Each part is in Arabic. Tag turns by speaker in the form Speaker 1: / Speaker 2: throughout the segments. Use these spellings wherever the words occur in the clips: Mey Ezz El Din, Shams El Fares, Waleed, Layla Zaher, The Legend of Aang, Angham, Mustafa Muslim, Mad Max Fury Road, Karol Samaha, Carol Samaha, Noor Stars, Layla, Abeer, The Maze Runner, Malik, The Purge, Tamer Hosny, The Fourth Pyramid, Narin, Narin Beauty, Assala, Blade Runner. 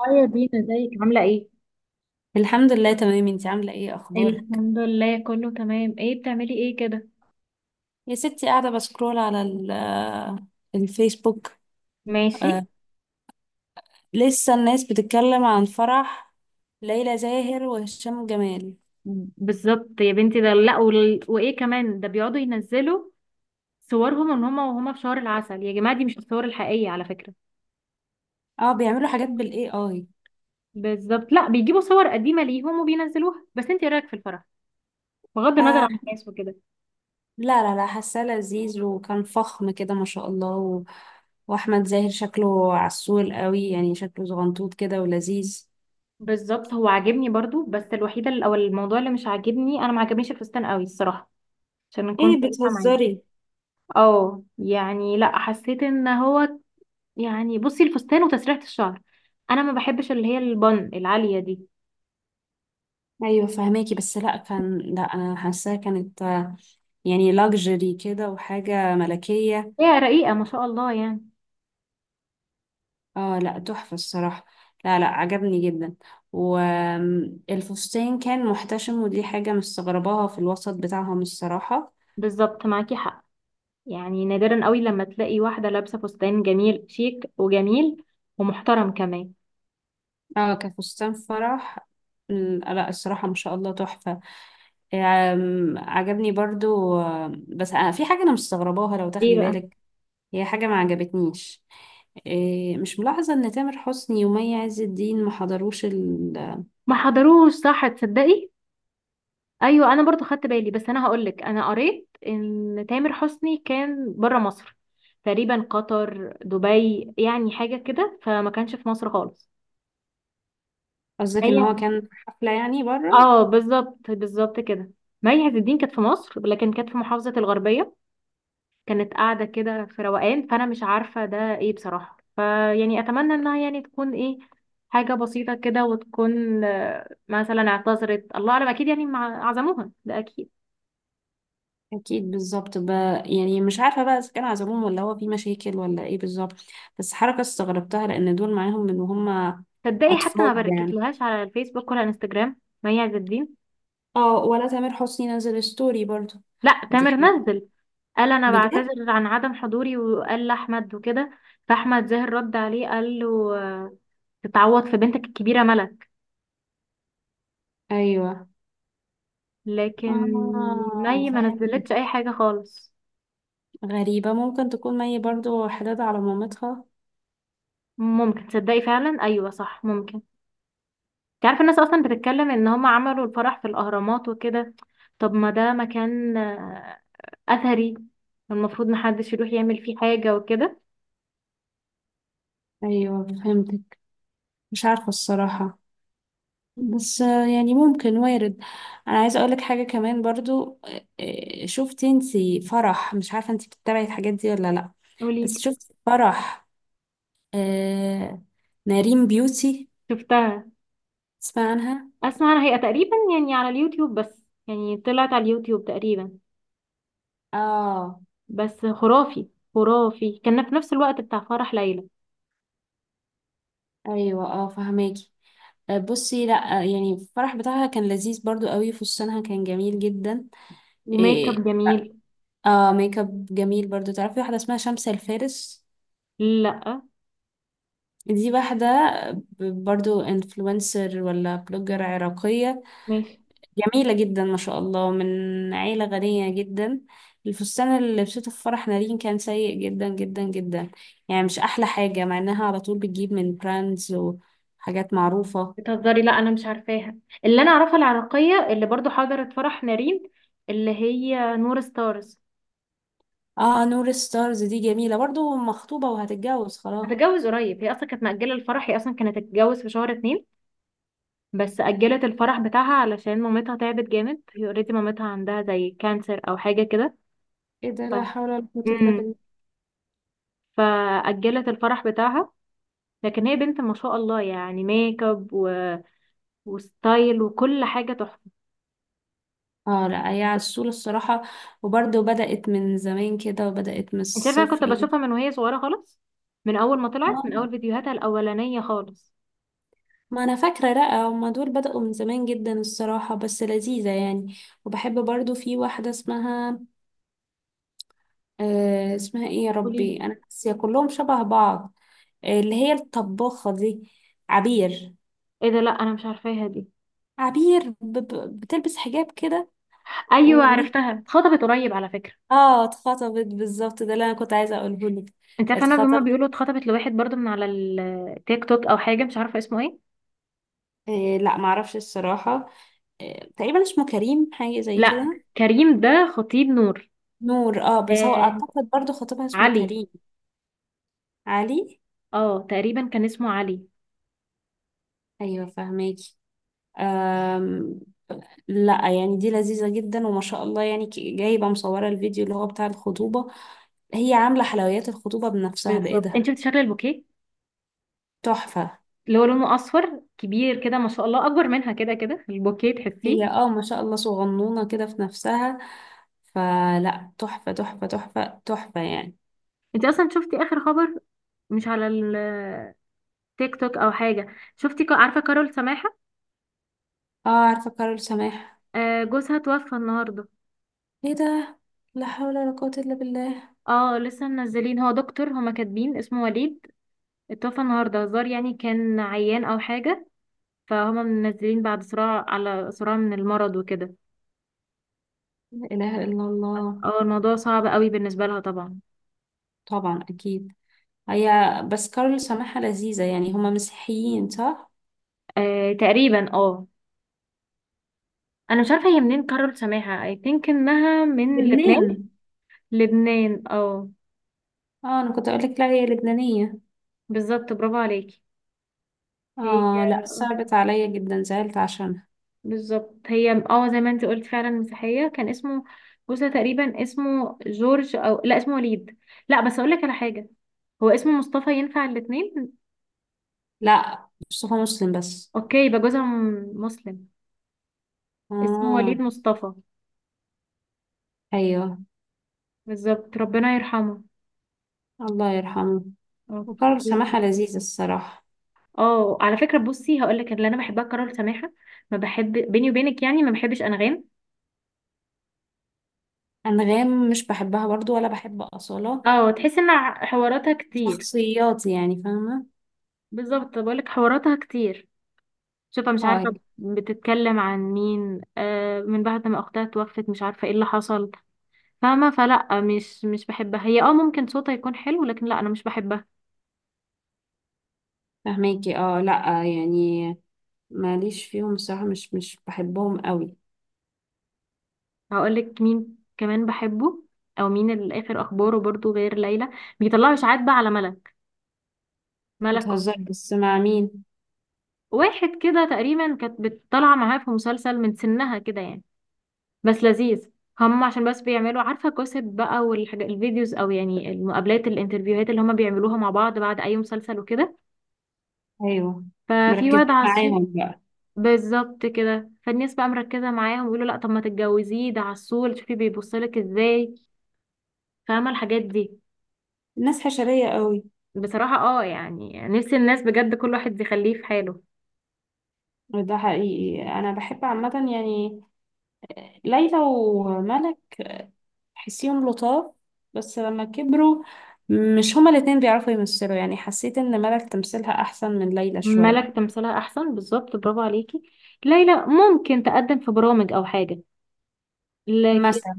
Speaker 1: اه يا دينا، ازيك؟ عاملة ايه؟
Speaker 2: الحمد لله تمام. انتي عاملة ايه؟ اخبارك؟
Speaker 1: الحمد لله كله تمام. ايه بتعملي ايه كده؟
Speaker 2: يا ستي قاعدة بسكرول على الفيسبوك.
Speaker 1: ماشي.
Speaker 2: آه، لسه الناس بتتكلم عن فرح ليلى زاهر وهشام جمال.
Speaker 1: بالظبط يا بنتي، ده لا وال... وايه كمان، ده بيقعدوا ينزلوا صورهم ان هما وهما في شهر العسل. يا جماعة دي مش الصور الحقيقية على فكرة.
Speaker 2: اه بيعملوا حاجات بالاي اي.
Speaker 1: بالظبط، لا بيجيبوا صور قديمة ليهم وبينزلوها. بس انت ايه رأيك في الفرح؟ بغض النظر عن
Speaker 2: آه
Speaker 1: الناس وكده.
Speaker 2: لا حاساه لذيذ وكان فخم كده ما شاء الله واحمد زاهر شكله عسول قوي، يعني شكله زغنطوط كده ولذيذ.
Speaker 1: بالظبط، هو عاجبني برضو، بس الوحيدة ال- او الموضوع اللي مش عاجبني، انا ما عجبنيش الفستان قوي الصراحة. عشان كنت
Speaker 2: ايه،
Speaker 1: صريحة معاكي.
Speaker 2: بتهزري؟
Speaker 1: اه يعني لا، حسيت ان هو يعني، بصي الفستان وتسريحة الشعر، انا ما بحبش اللي هي البن العالية دي.
Speaker 2: ايوه فهماكي، بس لا كان، لا انا حاساه كانت يعني لاكجري كده وحاجه ملكيه.
Speaker 1: هي رقيقة ما شاء الله يعني.
Speaker 2: اه لا تحفة الصراحة. لا لا عجبني جدا. والفستان كان محتشم، ودي حاجة مستغرباها في الوسط بتاعهم الصراحة.
Speaker 1: بالظبط معاكي حق. يعني نادرا قوي لما تلاقي واحدة لابسة فستان جميل شيك وجميل ومحترم كمان.
Speaker 2: اه كفستان فرح لا الصراحة ما شاء الله تحفة. عجبني برضو. بس أنا في حاجة أنا مستغرباها لو
Speaker 1: ايه
Speaker 2: تاخدي
Speaker 1: بقى؟
Speaker 2: بالك. هي حاجة ما عجبتنيش. مش ملاحظة إن تامر حسني ومي عز الدين ما حضروش
Speaker 1: ما حضروش، صح، تصدقي. ايوه انا برضو خدت بالي، بس انا هقولك، انا قريت ان تامر حسني كان بره مصر، تقريبا قطر، دبي، يعني حاجة كده، فما كانش في مصر خالص.
Speaker 2: قصدك إن
Speaker 1: هي،
Speaker 2: هو كان في حفلة يعني بره؟
Speaker 1: اه بالظبط بالظبط كده. مي عز الدين كانت في مصر لكن كانت في محافظة الغربية، كانت قاعدة كده في روقان، فأنا مش عارفة ده ايه بصراحة، فيعني أتمنى إنها يعني تكون ايه، حاجة بسيطة كده، وتكون مثلا اعتذرت، الله أعلم، أكيد يعني عزموها ده أكيد.
Speaker 2: اكيد بالظبط. يعني مش عارفه بقى اذا كان عزلوهم ولا هو في مشاكل ولا ايه بالظبط. بس حركه استغربتها لان دول معاهم من وهم
Speaker 1: تصدقي حتى ما
Speaker 2: اطفال يعني.
Speaker 1: بركتلهاش على الفيسبوك ولا انستجرام مي عز الدين.
Speaker 2: اه ولا تامر حسني نزل ستوري برضو.
Speaker 1: لا،
Speaker 2: دي
Speaker 1: تامر
Speaker 2: حاجه.
Speaker 1: نزل، قال أنا
Speaker 2: بجد؟
Speaker 1: بعتذر عن عدم حضوري، وقال لأحمد وكده، فأحمد زاهر رد عليه، قال له تتعوض في بنتك الكبيرة ملك.
Speaker 2: ايوه
Speaker 1: لكن
Speaker 2: اه
Speaker 1: مي ما نزلتش
Speaker 2: فهمت.
Speaker 1: اي حاجه خالص.
Speaker 2: غريبه، ممكن تكون مي برضو حداد على مامتها.
Speaker 1: ممكن، تصدقي فعلا، ايوه صح ممكن. انت عارفه الناس اصلا بتتكلم ان هم عملوا الفرح في الاهرامات وكده. طب ما ده مكان اثري، المفروض محدش يروح يعمل فيه حاجه وكده.
Speaker 2: ايوه فهمتك. مش عارفه الصراحه، بس يعني ممكن وارد. انا عايزه اقولك حاجه كمان برضو. شفت انتي فرح؟ مش عارفه انتي بتتابعي الحاجات دي ولا لا. بس
Speaker 1: قوليلي.
Speaker 2: شفت فرح آه نارين بيوتي؟
Speaker 1: شفتها.
Speaker 2: تسمع عنها؟
Speaker 1: اسمع، انا هي تقريبا يعني على اليوتيوب، بس يعني طلعت على اليوتيوب تقريبا.
Speaker 2: اه.
Speaker 1: بس خرافي، خرافي، كان في نفس الوقت بتاع فرح ليلى.
Speaker 2: ايوه اه فهماكي. بصي لا، يعني الفرح بتاعها كان لذيذ برضو قوي، فستانها كان جميل جدا.
Speaker 1: وميك اب
Speaker 2: إيه،
Speaker 1: جميل.
Speaker 2: اه ميك اب جميل برضو. تعرفي واحده اسمها شمس الفارس؟
Speaker 1: لا.
Speaker 2: دي واحدة برضو انفلونسر ولا بلوجر عراقية،
Speaker 1: ماشي.
Speaker 2: جميلة جدا ما شاء الله، من عيلة غنية جدا. الفستان اللي لبسته في فرح نارين كان سيء جدا جدا جدا، يعني مش أحلى حاجة، مع إنها على طول بتجيب من براندز وحاجات معروفة.
Speaker 1: بتهزري؟ لا انا مش عارفاها. اللي انا اعرفها العراقيه اللي برضو حضرت فرح نارين، اللي هي نور ستارز.
Speaker 2: اه نور ستارز دي جميلة برضو، مخطوبة وهتتجوز خلاص.
Speaker 1: هتتجوز قريب، هي اصلا كانت مأجله الفرح، هي اصلا كانت هتتجوز في شهر اتنين، بس أجلت الفرح بتاعها علشان مامتها تعبت جامد، هي اوريدي مامتها عندها زي كانسر او حاجه كده.
Speaker 2: ايه ده؟
Speaker 1: ف...
Speaker 2: لا حول ولا قوة إلا
Speaker 1: مم.
Speaker 2: بالله.
Speaker 1: فأجلت الفرح بتاعها. لكن هي بنت ما شاء الله يعني، ميك اب وستايل وكل حاجه تحفه.
Speaker 2: اه لا هي عسولة الصراحة، وبرضو بدأت من زمان كده وبدأت من
Speaker 1: انت عارفه انا كنت
Speaker 2: الصفر.
Speaker 1: بشوفها من وهي صغيره خالص، من اول ما طلعت، من
Speaker 2: آه.
Speaker 1: اول فيديوهاتها الاولانيه خالص.
Speaker 2: ما انا فاكره، لا هما دول بدأوا من زمان جدا الصراحه، بس لذيذه يعني. وبحب برضو في واحده اسمها، آه اسمها ايه، يا
Speaker 1: قولي لي.
Speaker 2: ربي انا ناسيه، كلهم شبه بعض. آه اللي هي الطباخه دي، عبير.
Speaker 1: ايه ده، لا انا مش عارفاها دي.
Speaker 2: عبير ب بتلبس حجاب كده.
Speaker 1: ايوه
Speaker 2: وعينيك،
Speaker 1: عرفتها، اتخطبت قريب على فكره.
Speaker 2: اه اتخطبت بالظبط، ده اللي انا كنت عايزه اقوله لك.
Speaker 1: انت عارفه انا، هما بيقولوا
Speaker 2: اتخطبت.
Speaker 1: اتخطبت لواحد برضو من على التيك توك او حاجه، مش عارفه اسمه ايه.
Speaker 2: لا معرفش الصراحه. آه تقريبا اسمه كريم، حاجه زي
Speaker 1: لا،
Speaker 2: كده.
Speaker 1: كريم ده خطيب نور.
Speaker 2: نور اه، بس هو
Speaker 1: آه،
Speaker 2: اعتقد برضو خطيبها اسمه
Speaker 1: علي.
Speaker 2: كريم. علي.
Speaker 1: اه تقريبا كان اسمه علي.
Speaker 2: ايوه فهماكي. أم، لا يعني دي لذيذة جدا وما شاء الله يعني، جايبة مصورة الفيديو اللي هو بتاع الخطوبة، هي عاملة حلويات الخطوبة بنفسها
Speaker 1: بالظبط.
Speaker 2: بإيدها.
Speaker 1: انت شفت شكل البوكيه
Speaker 2: تحفة.
Speaker 1: اللي هو لونه اصفر كبير كده؟ ما شاء الله اكبر منها كده كده البوكيه، تحسيه.
Speaker 2: هي اه ما شاء الله صغنونة كده في نفسها. فلا، تحفة تحفة تحفة تحفة يعني.
Speaker 1: انت اصلا شفتي اخر خبر؟ مش على التيك توك او حاجه؟ شفتي عارفه كارول سماحه؟
Speaker 2: اه عارفة كارول سماح.
Speaker 1: آه، جوزها توفى النهارده.
Speaker 2: ايه ده؟ لا حول ولا قوة إلا بالله.
Speaker 1: اه لسه منزلين، هو دكتور، هما كاتبين اسمه وليد، اتوفى النهارده، هزار يعني كان عيان او حاجه، فهما منزلين بعد صراع على صراع من المرض وكده.
Speaker 2: لا إله إلا الله.
Speaker 1: اه الموضوع صعب قوي بالنسبه لها طبعا.
Speaker 2: طبعا أكيد. هي، بس كارول سماحة لذيذة يعني. هما مسيحيين صح؟
Speaker 1: آه تقريبا اه. انا مش عارفه هي منين، كارول سماحه، اي ثينك انها من لبنان.
Speaker 2: لبنان.
Speaker 1: لبنان اه.
Speaker 2: اه أنا كنت أقولك، لا هي لبنانية.
Speaker 1: بالظبط، برافو عليكي. هي
Speaker 2: اه لا صعبت عليا جدا، زعلت عشانها.
Speaker 1: بالظبط، هي اه زي ما انت قلت فعلا مسيحية. كان اسمه بوسة، تقريبا اسمه جورج، او لا اسمه وليد. لا بس اقول لك على حاجة، هو اسمه مصطفى ينفع الاتنين.
Speaker 2: لا مصطفى مسلم بس.
Speaker 1: اوكي يبقى جوزها مسلم. اسمه
Speaker 2: اه.
Speaker 1: وليد مصطفى.
Speaker 2: ايوه.
Speaker 1: بالظبط. ربنا يرحمه.
Speaker 2: الله يرحمه. وكارل
Speaker 1: اوكي.
Speaker 2: سماحة لذيذ الصراحة.
Speaker 1: اه على فكرة، بصي هقول لك، اللي انا بحبها كارول سماحة. ما بحب، بيني وبينك يعني، ما بحبش انغام.
Speaker 2: انغام مش بحبها برضو، ولا بحب اصالة.
Speaker 1: اه، تحس ان حواراتها كتير.
Speaker 2: شخصيات يعني، فاهمة.
Speaker 1: بالظبط، بقول لك حواراتها كتير. شوفة مش
Speaker 2: اه
Speaker 1: عارفة
Speaker 2: يعني
Speaker 1: بتتكلم عن مين، آه، من بعد ما أختها توفت مش عارفة ايه اللي حصل. فاهمة، فلا مش بحبها هي، اه ممكن صوتها يكون حلو لكن لا أنا مش بحبها.
Speaker 2: فاهماكي. اه لا يعني ماليش فيهم الصراحة، مش مش بحبهم قوي.
Speaker 1: هقولك مين كمان بحبه، أو مين اللي آخر أخباره برضو غير ليلى. بيطلعوا إشاعات بقى على ملك. ملك أخ-
Speaker 2: بتهزر، بس مع مين؟
Speaker 1: واحد كده تقريبا كانت بتطلع معاه في مسلسل من سنها كده يعني، بس لذيذ. هم عشان بس بيعملوا، عارفة، كوسب بقى والحاجات، الفيديوز أو يعني المقابلات، الانترفيوهات اللي هم بيعملوها مع بعض بعد أي مسلسل وكده،
Speaker 2: ايوه
Speaker 1: ففي
Speaker 2: مركز
Speaker 1: واد عسول.
Speaker 2: معاهم بقى.
Speaker 1: بالظبط كده، فالناس بقى مركزة معاهم ويقولوا لا، طب ما تتجوزيه، ده عسول، شوفي بيبصلك ازاي. فاهمة الحاجات دي.
Speaker 2: الناس حشرية قوي.
Speaker 1: بصراحة اه، يعني نفسي الناس بجد كل واحد يخليه في حاله.
Speaker 2: ده حقيقي. انا بحب عامة يعني ليلى وملك، تحسيهم لطاف. بس لما كبروا، مش هما الاتنين بيعرفوا يمثلوا يعني. حسيت ان ملك تمثيلها احسن من ليلى
Speaker 1: ملك
Speaker 2: شوية.
Speaker 1: تمثيلها احسن، بالظبط، برافو عليكي. ليلى ممكن تقدم في برامج او حاجة، لكن
Speaker 2: مثلا.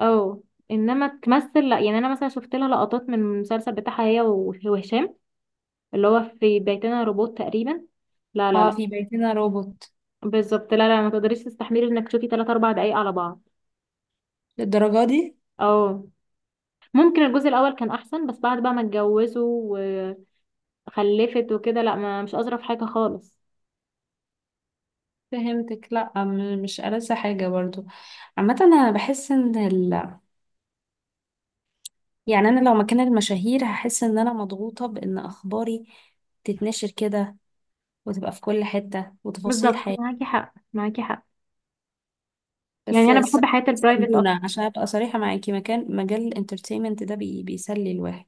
Speaker 1: اه، انما تمثل لا يعني. انا مثلا شفت لها لقطات من المسلسل بتاعها هي وهشام، اللي هو في بيتنا روبوت تقريبا. لا لا
Speaker 2: اه
Speaker 1: لا.
Speaker 2: في بيتنا روبوت.
Speaker 1: بالظبط، لا لا ما تقدريش تستحملي انك تشوفي 3 4 دقايق على بعض.
Speaker 2: للدرجة دي؟
Speaker 1: اه. ممكن الجزء الاول كان احسن، بس بعد بقى ما اتجوزوا وخلفت وكده، لا ما مش اظرف حاجه خالص.
Speaker 2: فهمتك. لا مش ألذ حاجة برضو. عامة انا بحس ان يعني انا لو مكان المشاهير هحس ان انا مضغوطة بان اخباري تتنشر كده وتبقى في كل حتة وتفاصيل
Speaker 1: بالظبط
Speaker 2: حياتي.
Speaker 1: معاكي حق، معاكي حق.
Speaker 2: بس
Speaker 1: يعني انا
Speaker 2: الس-
Speaker 1: بحب حياه البرايفت
Speaker 2: بيسلونا
Speaker 1: اكتر.
Speaker 2: عشان ابقى صريحة معاكي. مكان مجال الانترتينمنت ده بيسلي الواحد.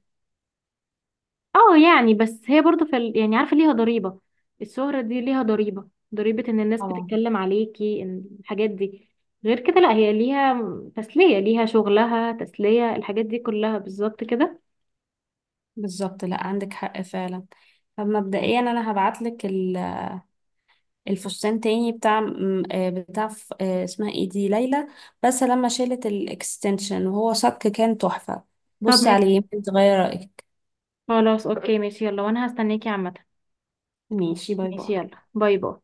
Speaker 1: اه يعني، بس هي برضو في ال... يعني عارفه ليها ضريبه، الشهره دي ليها ضريبه، ضريبه ان الناس
Speaker 2: طبعا.
Speaker 1: بتتكلم عليكي ان الحاجات دي. غير كده لا، هي ليها تسليه، ليها شغلها، تسليه، الحاجات دي كلها، بالظبط كده.
Speaker 2: بالظبط لا عندك حق فعلا. طب مبدئيا انا هبعت لك الفستان تاني بتاع بتاع اسمها ايه دي، ليلى. بس لما شالت الاكستنشن وهو صك كان تحفة.
Speaker 1: طب
Speaker 2: بصي عليه يمكن تغير رأيك.
Speaker 1: خلاص اوكي ماشي، يلا، وانا هستناكي عامة.
Speaker 2: ماشي، باي
Speaker 1: ماشي،
Speaker 2: باي.
Speaker 1: يلا، باي باي.